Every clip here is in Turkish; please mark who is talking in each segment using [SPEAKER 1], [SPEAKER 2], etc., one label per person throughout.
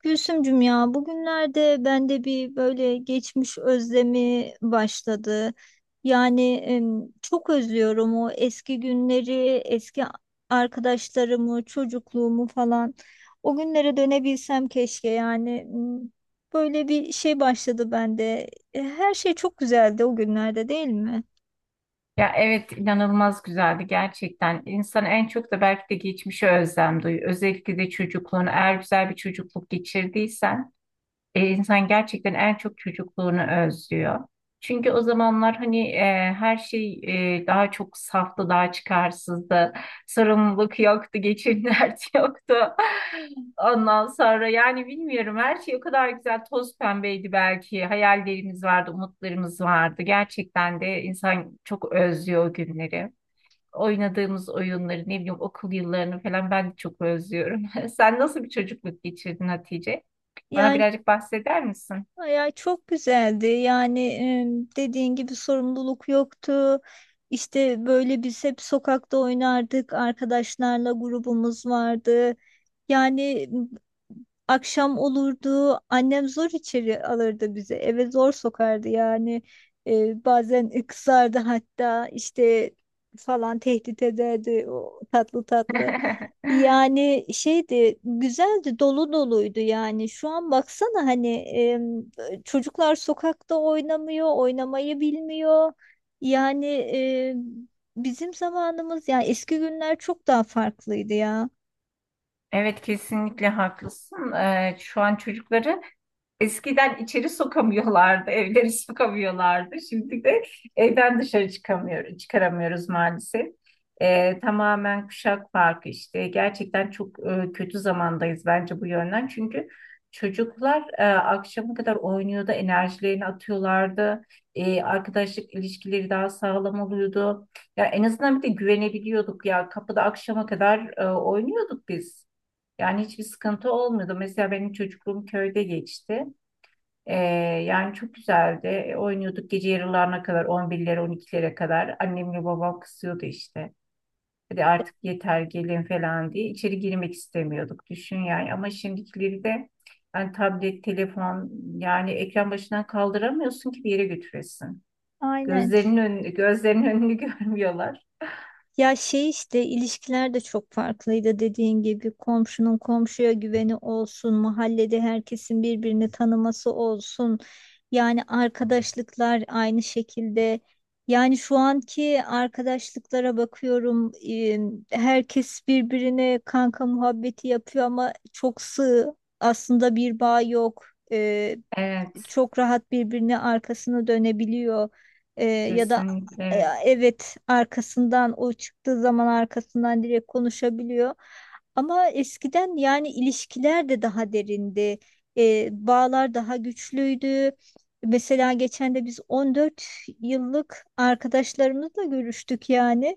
[SPEAKER 1] Gülsümcüm ya bugünlerde bende bir böyle geçmiş özlemi başladı. Çok özlüyorum o eski günleri, eski arkadaşlarımı, çocukluğumu falan. O günlere dönebilsem keşke yani. Böyle bir şey başladı bende. Her şey çok güzeldi o günlerde, değil mi?
[SPEAKER 2] Ya evet inanılmaz güzeldi gerçekten. İnsan en çok da belki de geçmişe özlem duyuyor. Özellikle de çocukluğunu eğer güzel bir çocukluk geçirdiysen insan gerçekten en çok çocukluğunu özlüyor. Çünkü o zamanlar hani her şey daha çok saftı, daha çıkarsızdı. Sorumluluk yoktu, geçim derdi yoktu. Ondan sonra yani bilmiyorum her şey o kadar güzel toz pembeydi belki. Hayallerimiz vardı, umutlarımız vardı. Gerçekten de insan çok özlüyor o günleri, oynadığımız oyunları, ne bileyim okul yıllarını falan ben de çok özlüyorum. Sen nasıl bir çocukluk geçirdin Hatice? Bana
[SPEAKER 1] Yani
[SPEAKER 2] birazcık bahseder misin?
[SPEAKER 1] ay, ay, çok güzeldi. Dediğin gibi sorumluluk yoktu. İşte böyle biz hep sokakta oynardık. Arkadaşlarla grubumuz vardı. Yani m, Akşam olurdu. Annem zor içeri alırdı bizi. Eve zor sokardı yani. Bazen kızardı hatta, işte falan tehdit ederdi o tatlı tatlı. Yani şeydi, güzeldi, dolu doluydu. Yani şu an baksana, hani çocuklar sokakta oynamıyor, oynamayı bilmiyor. yani em, Bizim zamanımız, yani eski günler çok daha farklıydı ya.
[SPEAKER 2] Evet kesinlikle haklısın. Şu an çocukları eskiden içeri sokamıyorlardı, evleri sokamıyorlardı. Şimdi de evden dışarı çıkamıyoruz, çıkaramıyoruz maalesef. Tamamen kuşak farkı işte. Gerçekten çok kötü zamandayız bence bu yönden. Çünkü çocuklar akşama kadar oynuyordu, enerjilerini atıyorlardı. Arkadaşlık ilişkileri daha sağlam oluyordu. Ya en azından bir de güvenebiliyorduk ya. Kapıda akşama kadar oynuyorduk biz. Yani hiçbir sıkıntı olmuyordu. Mesela benim çocukluğum köyde geçti. Ee, yani çok güzeldi. Oynuyorduk gece yarılarına kadar, 11'lere, 12'lere kadar. Annemle babam kızıyordu işte. Hadi artık yeter gelin falan diye. İçeri girmek istemiyorduk. Düşün yani. Ama şimdikileri de yani tablet, telefon, yani ekran başından kaldıramıyorsun ki bir yere götüresin.
[SPEAKER 1] Aynen.
[SPEAKER 2] Gözlerinin önünü görmüyorlar.
[SPEAKER 1] Ya şey, işte ilişkiler de çok farklıydı dediğin gibi, komşunun komşuya güveni olsun, mahallede herkesin birbirini tanıması olsun. Yani arkadaşlıklar aynı şekilde. Yani şu anki arkadaşlıklara bakıyorum, herkes birbirine kanka muhabbeti yapıyor ama çok sığ. Aslında bir bağ yok. E,
[SPEAKER 2] Evet,
[SPEAKER 1] Çok rahat birbirine arkasını dönebiliyor. E, ya da
[SPEAKER 2] kesinlikle
[SPEAKER 1] e,
[SPEAKER 2] evet.
[SPEAKER 1] evet, arkasından, o çıktığı zaman arkasından direkt konuşabiliyor. Ama eskiden yani ilişkiler de daha derindi. Bağlar daha güçlüydü. Mesela geçen de biz 14 yıllık arkadaşlarımızla görüştük. Yani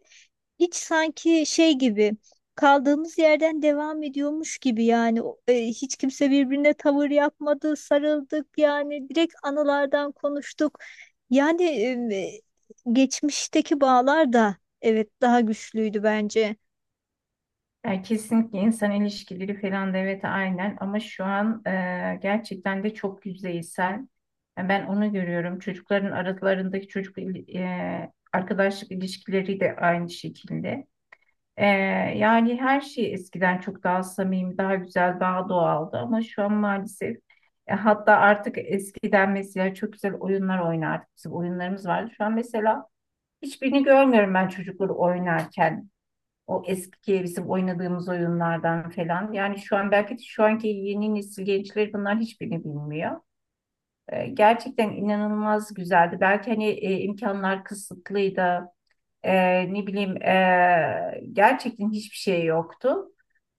[SPEAKER 1] hiç sanki şey gibi, kaldığımız yerden devam ediyormuş gibi yani. Hiç kimse birbirine tavır yapmadı, sarıldık, yani direkt anılardan konuştuk. Yani e, Geçmişteki bağlar da evet daha güçlüydü bence.
[SPEAKER 2] Yani kesinlikle insan ilişkileri falan da evet aynen ama şu an gerçekten de çok yüzeysel. Yani ben onu görüyorum. Çocukların aralarındaki arkadaşlık ilişkileri de aynı şekilde. E, yani her şey eskiden çok daha samimi, daha güzel, daha doğaldı ama şu an maalesef, hatta artık eskiden mesela çok güzel oyunlar oynardık. Bizim oyunlarımız vardı. Şu an mesela hiçbirini görmüyorum ben çocukları oynarken. O eski bizim oynadığımız oyunlardan falan. Yani şu an belki de şu anki yeni nesil gençleri bunlar hiçbirini bilmiyor. Gerçekten inanılmaz güzeldi. Belki hani imkanlar kısıtlıydı. Ne bileyim gerçekten hiçbir şey yoktu.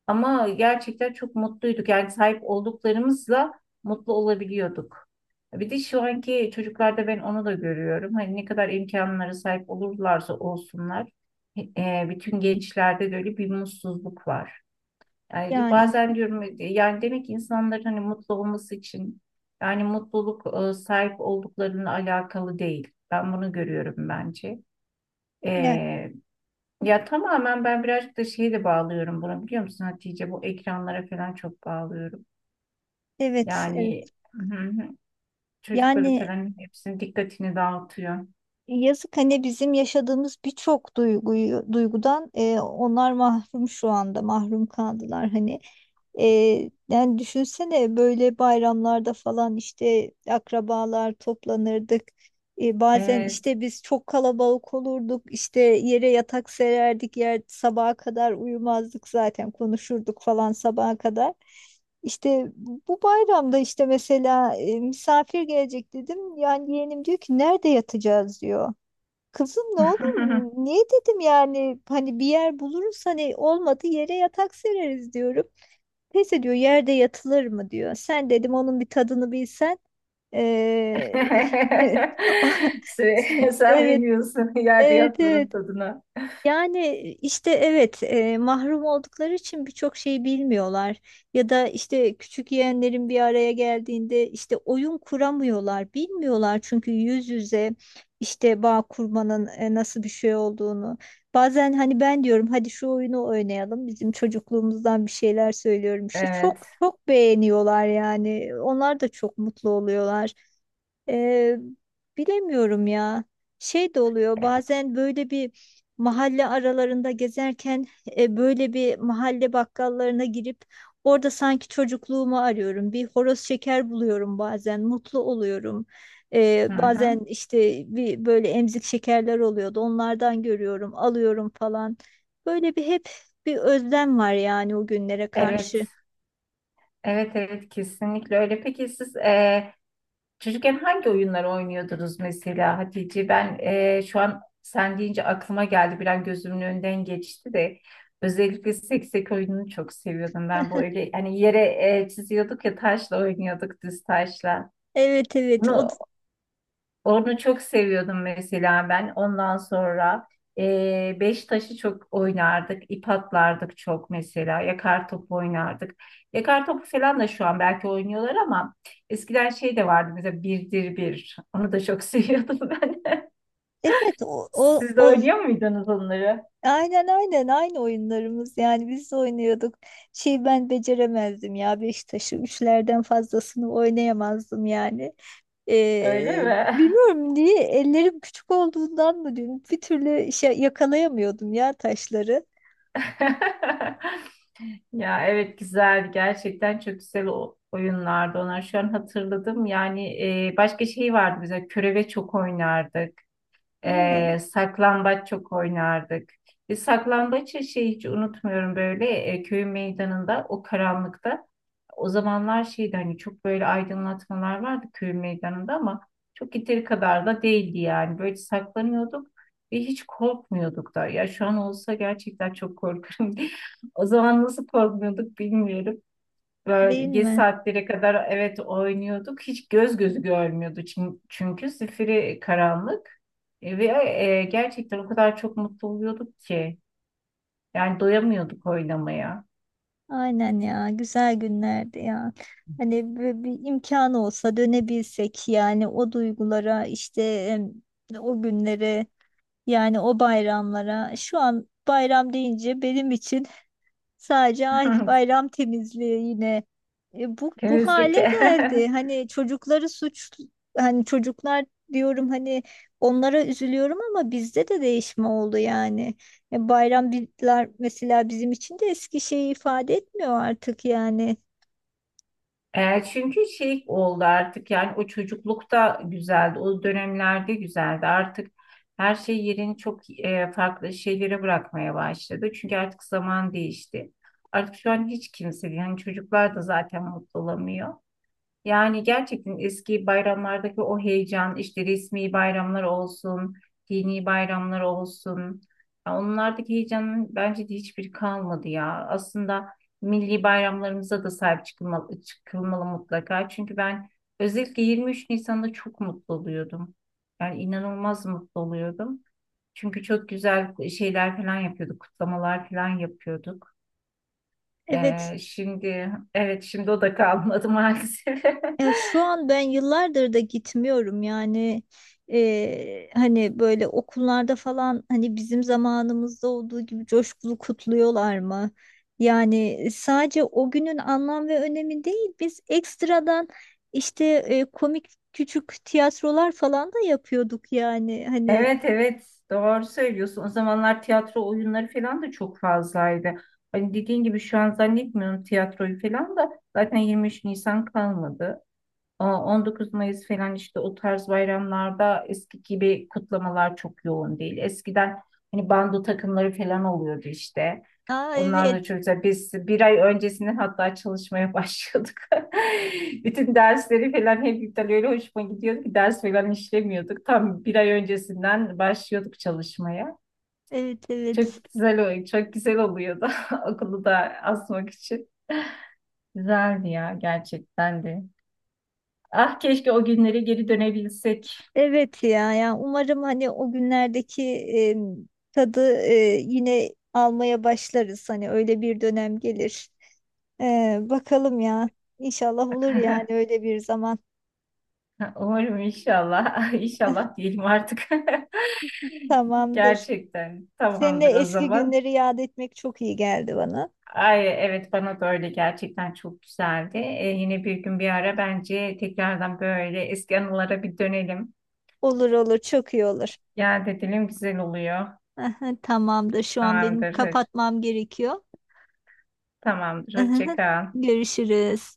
[SPEAKER 2] Ama gerçekten çok mutluyduk. Yani sahip olduklarımızla mutlu olabiliyorduk. Bir de şu anki çocuklarda ben onu da görüyorum. Hani ne kadar imkanlara sahip olurlarsa olsunlar, bütün gençlerde de öyle bir mutsuzluk var. Yani
[SPEAKER 1] Yani
[SPEAKER 2] bazen diyorum yani demek ki insanların hani mutlu olması için yani mutluluk sahip olduklarının alakalı değil. Ben bunu görüyorum bence. E,
[SPEAKER 1] ne
[SPEAKER 2] ya tamamen ben birazcık da şeyi de bağlıyorum bunu biliyor musun Hatice? Bu ekranlara falan çok bağlıyorum.
[SPEAKER 1] evet, evet
[SPEAKER 2] Yani hı hı, çocukları
[SPEAKER 1] yani.
[SPEAKER 2] falan hepsinin dikkatini dağıtıyor.
[SPEAKER 1] Yazık, hani bizim yaşadığımız birçok duygudan onlar mahrum, şu anda mahrum kaldılar hani. E, Yani düşünsene, böyle bayramlarda falan işte akrabalar toplanırdık. Bazen
[SPEAKER 2] Evet.
[SPEAKER 1] işte biz çok kalabalık olurduk, işte yere yatak sererdik, yer sabaha kadar uyumazdık, zaten konuşurduk falan sabaha kadar. İşte bu bayramda işte mesela misafir gelecek dedim. Yani yeğenim diyor ki, nerede yatacağız diyor. Kızım ne olur, niye dedim, yani hani bir yer buluruz, hani olmadı yere yatak sereriz diyorum. Neyse, diyor, yerde yatılır mı diyor. Sen, dedim, onun bir tadını bilsen. Ee,
[SPEAKER 2] Sen
[SPEAKER 1] Evet,
[SPEAKER 2] bilmiyorsun yerde
[SPEAKER 1] evet,
[SPEAKER 2] yatmanın
[SPEAKER 1] evet.
[SPEAKER 2] tadına.
[SPEAKER 1] Yani işte evet, mahrum oldukları için birçok şeyi bilmiyorlar. Ya da işte küçük yeğenlerin bir araya geldiğinde işte oyun kuramıyorlar, bilmiyorlar, çünkü yüz yüze işte bağ kurmanın nasıl bir şey olduğunu. Bazen hani ben diyorum hadi şu oyunu oynayalım, bizim çocukluğumuzdan bir şeyler söylüyorum işte, çok
[SPEAKER 2] Evet.
[SPEAKER 1] çok beğeniyorlar, yani onlar da çok mutlu oluyorlar. Ee, Bilemiyorum ya. Şey de oluyor bazen, böyle bir mahalle aralarında gezerken, böyle bir mahalle bakkallarına girip orada sanki çocukluğumu arıyorum. Bir horoz şeker buluyorum, bazen mutlu oluyorum.
[SPEAKER 2] Hı
[SPEAKER 1] Bazen
[SPEAKER 2] hı.
[SPEAKER 1] işte bir böyle emzik şekerler oluyordu, onlardan görüyorum, alıyorum falan. Böyle bir hep bir özlem var yani, o günlere
[SPEAKER 2] Evet.
[SPEAKER 1] karşı.
[SPEAKER 2] Evet evet, kesinlikle öyle. Peki siz, çocukken hangi oyunlar oynuyordunuz mesela Hatice? Ben, şu an sen deyince aklıma geldi. Bir an gözümün önünden geçti de. Özellikle seksek oyununu çok seviyordum ben. Bu öyle hani yere çiziyorduk ya, taşla oynuyorduk, düz taşla.
[SPEAKER 1] Evet, evet,
[SPEAKER 2] Bunu onu çok seviyordum mesela ben. Ondan sonra beş taşı çok oynardık. İp atlardık çok mesela. Yakar topu oynardık. Yakar topu falan da şu an belki oynuyorlar ama eskiden şey de vardı, mesela birdir bir. Onu da çok seviyordum ben.
[SPEAKER 1] o, o,
[SPEAKER 2] Siz de
[SPEAKER 1] o.
[SPEAKER 2] oynuyor muydunuz onları?
[SPEAKER 1] Aynen, aynen, aynı oyunlarımız, yani biz de oynuyorduk. Şey, ben beceremezdim ya, Beşiktaş'ı üçlerden fazlasını oynayamazdım yani.
[SPEAKER 2] Öyle mi?
[SPEAKER 1] Bilmiyorum niye, ellerim küçük olduğundan mı diyeyim, bir türlü şey yakalayamıyordum ya, taşları.
[SPEAKER 2] Ya evet güzeldi. Gerçekten çok güzel o oyunlardı onlar. Şu an hatırladım. Yani başka şey vardı bize, köreve çok oynardık.
[SPEAKER 1] Ne?
[SPEAKER 2] Saklambaç çok oynardık. Biz saklambaçı şey hiç unutmuyorum, böyle köyün meydanında o karanlıkta. O zamanlar şeydi hani, çok böyle aydınlatmalar vardı köyün meydanında ama çok yeteri kadar da değildi yani. Böyle saklanıyorduk ve hiç korkmuyorduk da. Ya şu an olsa gerçekten çok korkarım. O zaman nasıl korkmuyorduk bilmiyorum. Böyle
[SPEAKER 1] Değil
[SPEAKER 2] geç
[SPEAKER 1] mi?
[SPEAKER 2] saatlere kadar evet oynuyorduk. Hiç göz gözü görmüyordu çünkü zifiri karanlık. Ve gerçekten o kadar çok mutlu oluyorduk ki. Yani doyamıyorduk oynamaya.
[SPEAKER 1] Aynen ya, güzel günlerdi ya. Hani bir imkanı olsa dönebilsek, yani o duygulara işte, o günlere. Yani o bayramlara, şu an bayram deyince benim için sadece ay bayram temizliği yine. Bu hale
[SPEAKER 2] Temizdeki.
[SPEAKER 1] geldi. Hani çocukları suç, hani çocuklar diyorum, hani onlara üzülüyorum ama bizde de değişme oldu yani. Bayram mesela bizim için de eski şeyi ifade etmiyor artık yani.
[SPEAKER 2] Çünkü şey oldu artık, yani o çocuklukta güzeldi, o dönemlerde güzeldi. Artık her şey yerini çok farklı şeylere bırakmaya başladı. Çünkü artık zaman değişti. Artık şu an hiç kimse, yani çocuklar da zaten mutlu olamıyor. Yani gerçekten eski bayramlardaki o heyecan, işte resmi bayramlar olsun, dini bayramlar olsun, ya onlardaki heyecanın bence de hiçbiri kalmadı ya. Aslında milli bayramlarımıza da sahip çıkılmalı mutlaka. Çünkü ben özellikle 23 Nisan'da çok mutlu oluyordum. Yani inanılmaz mutlu oluyordum. Çünkü çok güzel şeyler falan yapıyorduk, kutlamalar falan yapıyorduk.
[SPEAKER 1] Evet.
[SPEAKER 2] Şimdi evet, şimdi o da kalmadı maalesef.
[SPEAKER 1] Ya şu an ben yıllardır da gitmiyorum yani. Hani böyle okullarda falan, hani bizim zamanımızda olduğu gibi coşkulu kutluyorlar mı? Yani sadece o günün anlam ve önemi değil, biz ekstradan işte komik küçük tiyatrolar falan da yapıyorduk yani hani.
[SPEAKER 2] Evet evet, doğru söylüyorsun. O zamanlar tiyatro oyunları falan da çok fazlaydı. Hani dediğin gibi şu an zannetmiyorum tiyatroyu falan da, zaten 23 Nisan kalmadı. O 19 Mayıs falan, işte o tarz bayramlarda eski gibi kutlamalar çok yoğun değil. Eskiden hani bando takımları falan oluyordu işte.
[SPEAKER 1] Aa
[SPEAKER 2] Onlar da
[SPEAKER 1] evet,
[SPEAKER 2] çok güzel. Biz bir ay öncesinden hatta çalışmaya başlıyorduk. Bütün dersleri falan hep iptal, öyle hoşuma gidiyordu ki ders falan işlemiyorduk. Tam bir ay öncesinden başlıyorduk çalışmaya.
[SPEAKER 1] evet, evet.
[SPEAKER 2] Çok güzel oluyordu okulu da asmak için. Güzeldi ya gerçekten de. Ah keşke o günlere geri dönebilsek.
[SPEAKER 1] Evet ya, yani umarım hani o günlerdeki tadı yine almaya başlarız. Hani öyle bir dönem gelir. Bakalım ya. İnşallah olur yani, öyle bir zaman.
[SPEAKER 2] Umarım inşallah. İnşallah diyelim artık.
[SPEAKER 1] Tamamdır.
[SPEAKER 2] Gerçekten
[SPEAKER 1] Seninle
[SPEAKER 2] tamamdır o
[SPEAKER 1] eski
[SPEAKER 2] zaman.
[SPEAKER 1] günleri yad etmek çok iyi geldi bana.
[SPEAKER 2] Ay evet, bana da öyle, gerçekten çok güzeldi. Yine bir gün bir ara bence tekrardan böyle eski anılara bir dönelim.
[SPEAKER 1] Olur, olur, çok iyi olur.
[SPEAKER 2] Ya edelim, güzel oluyor.
[SPEAKER 1] Aha, tamamdır. Şu an benim
[SPEAKER 2] Tamamdır.
[SPEAKER 1] kapatmam gerekiyor.
[SPEAKER 2] Tamamdır. Hoşça
[SPEAKER 1] Aha,
[SPEAKER 2] kal.
[SPEAKER 1] görüşürüz.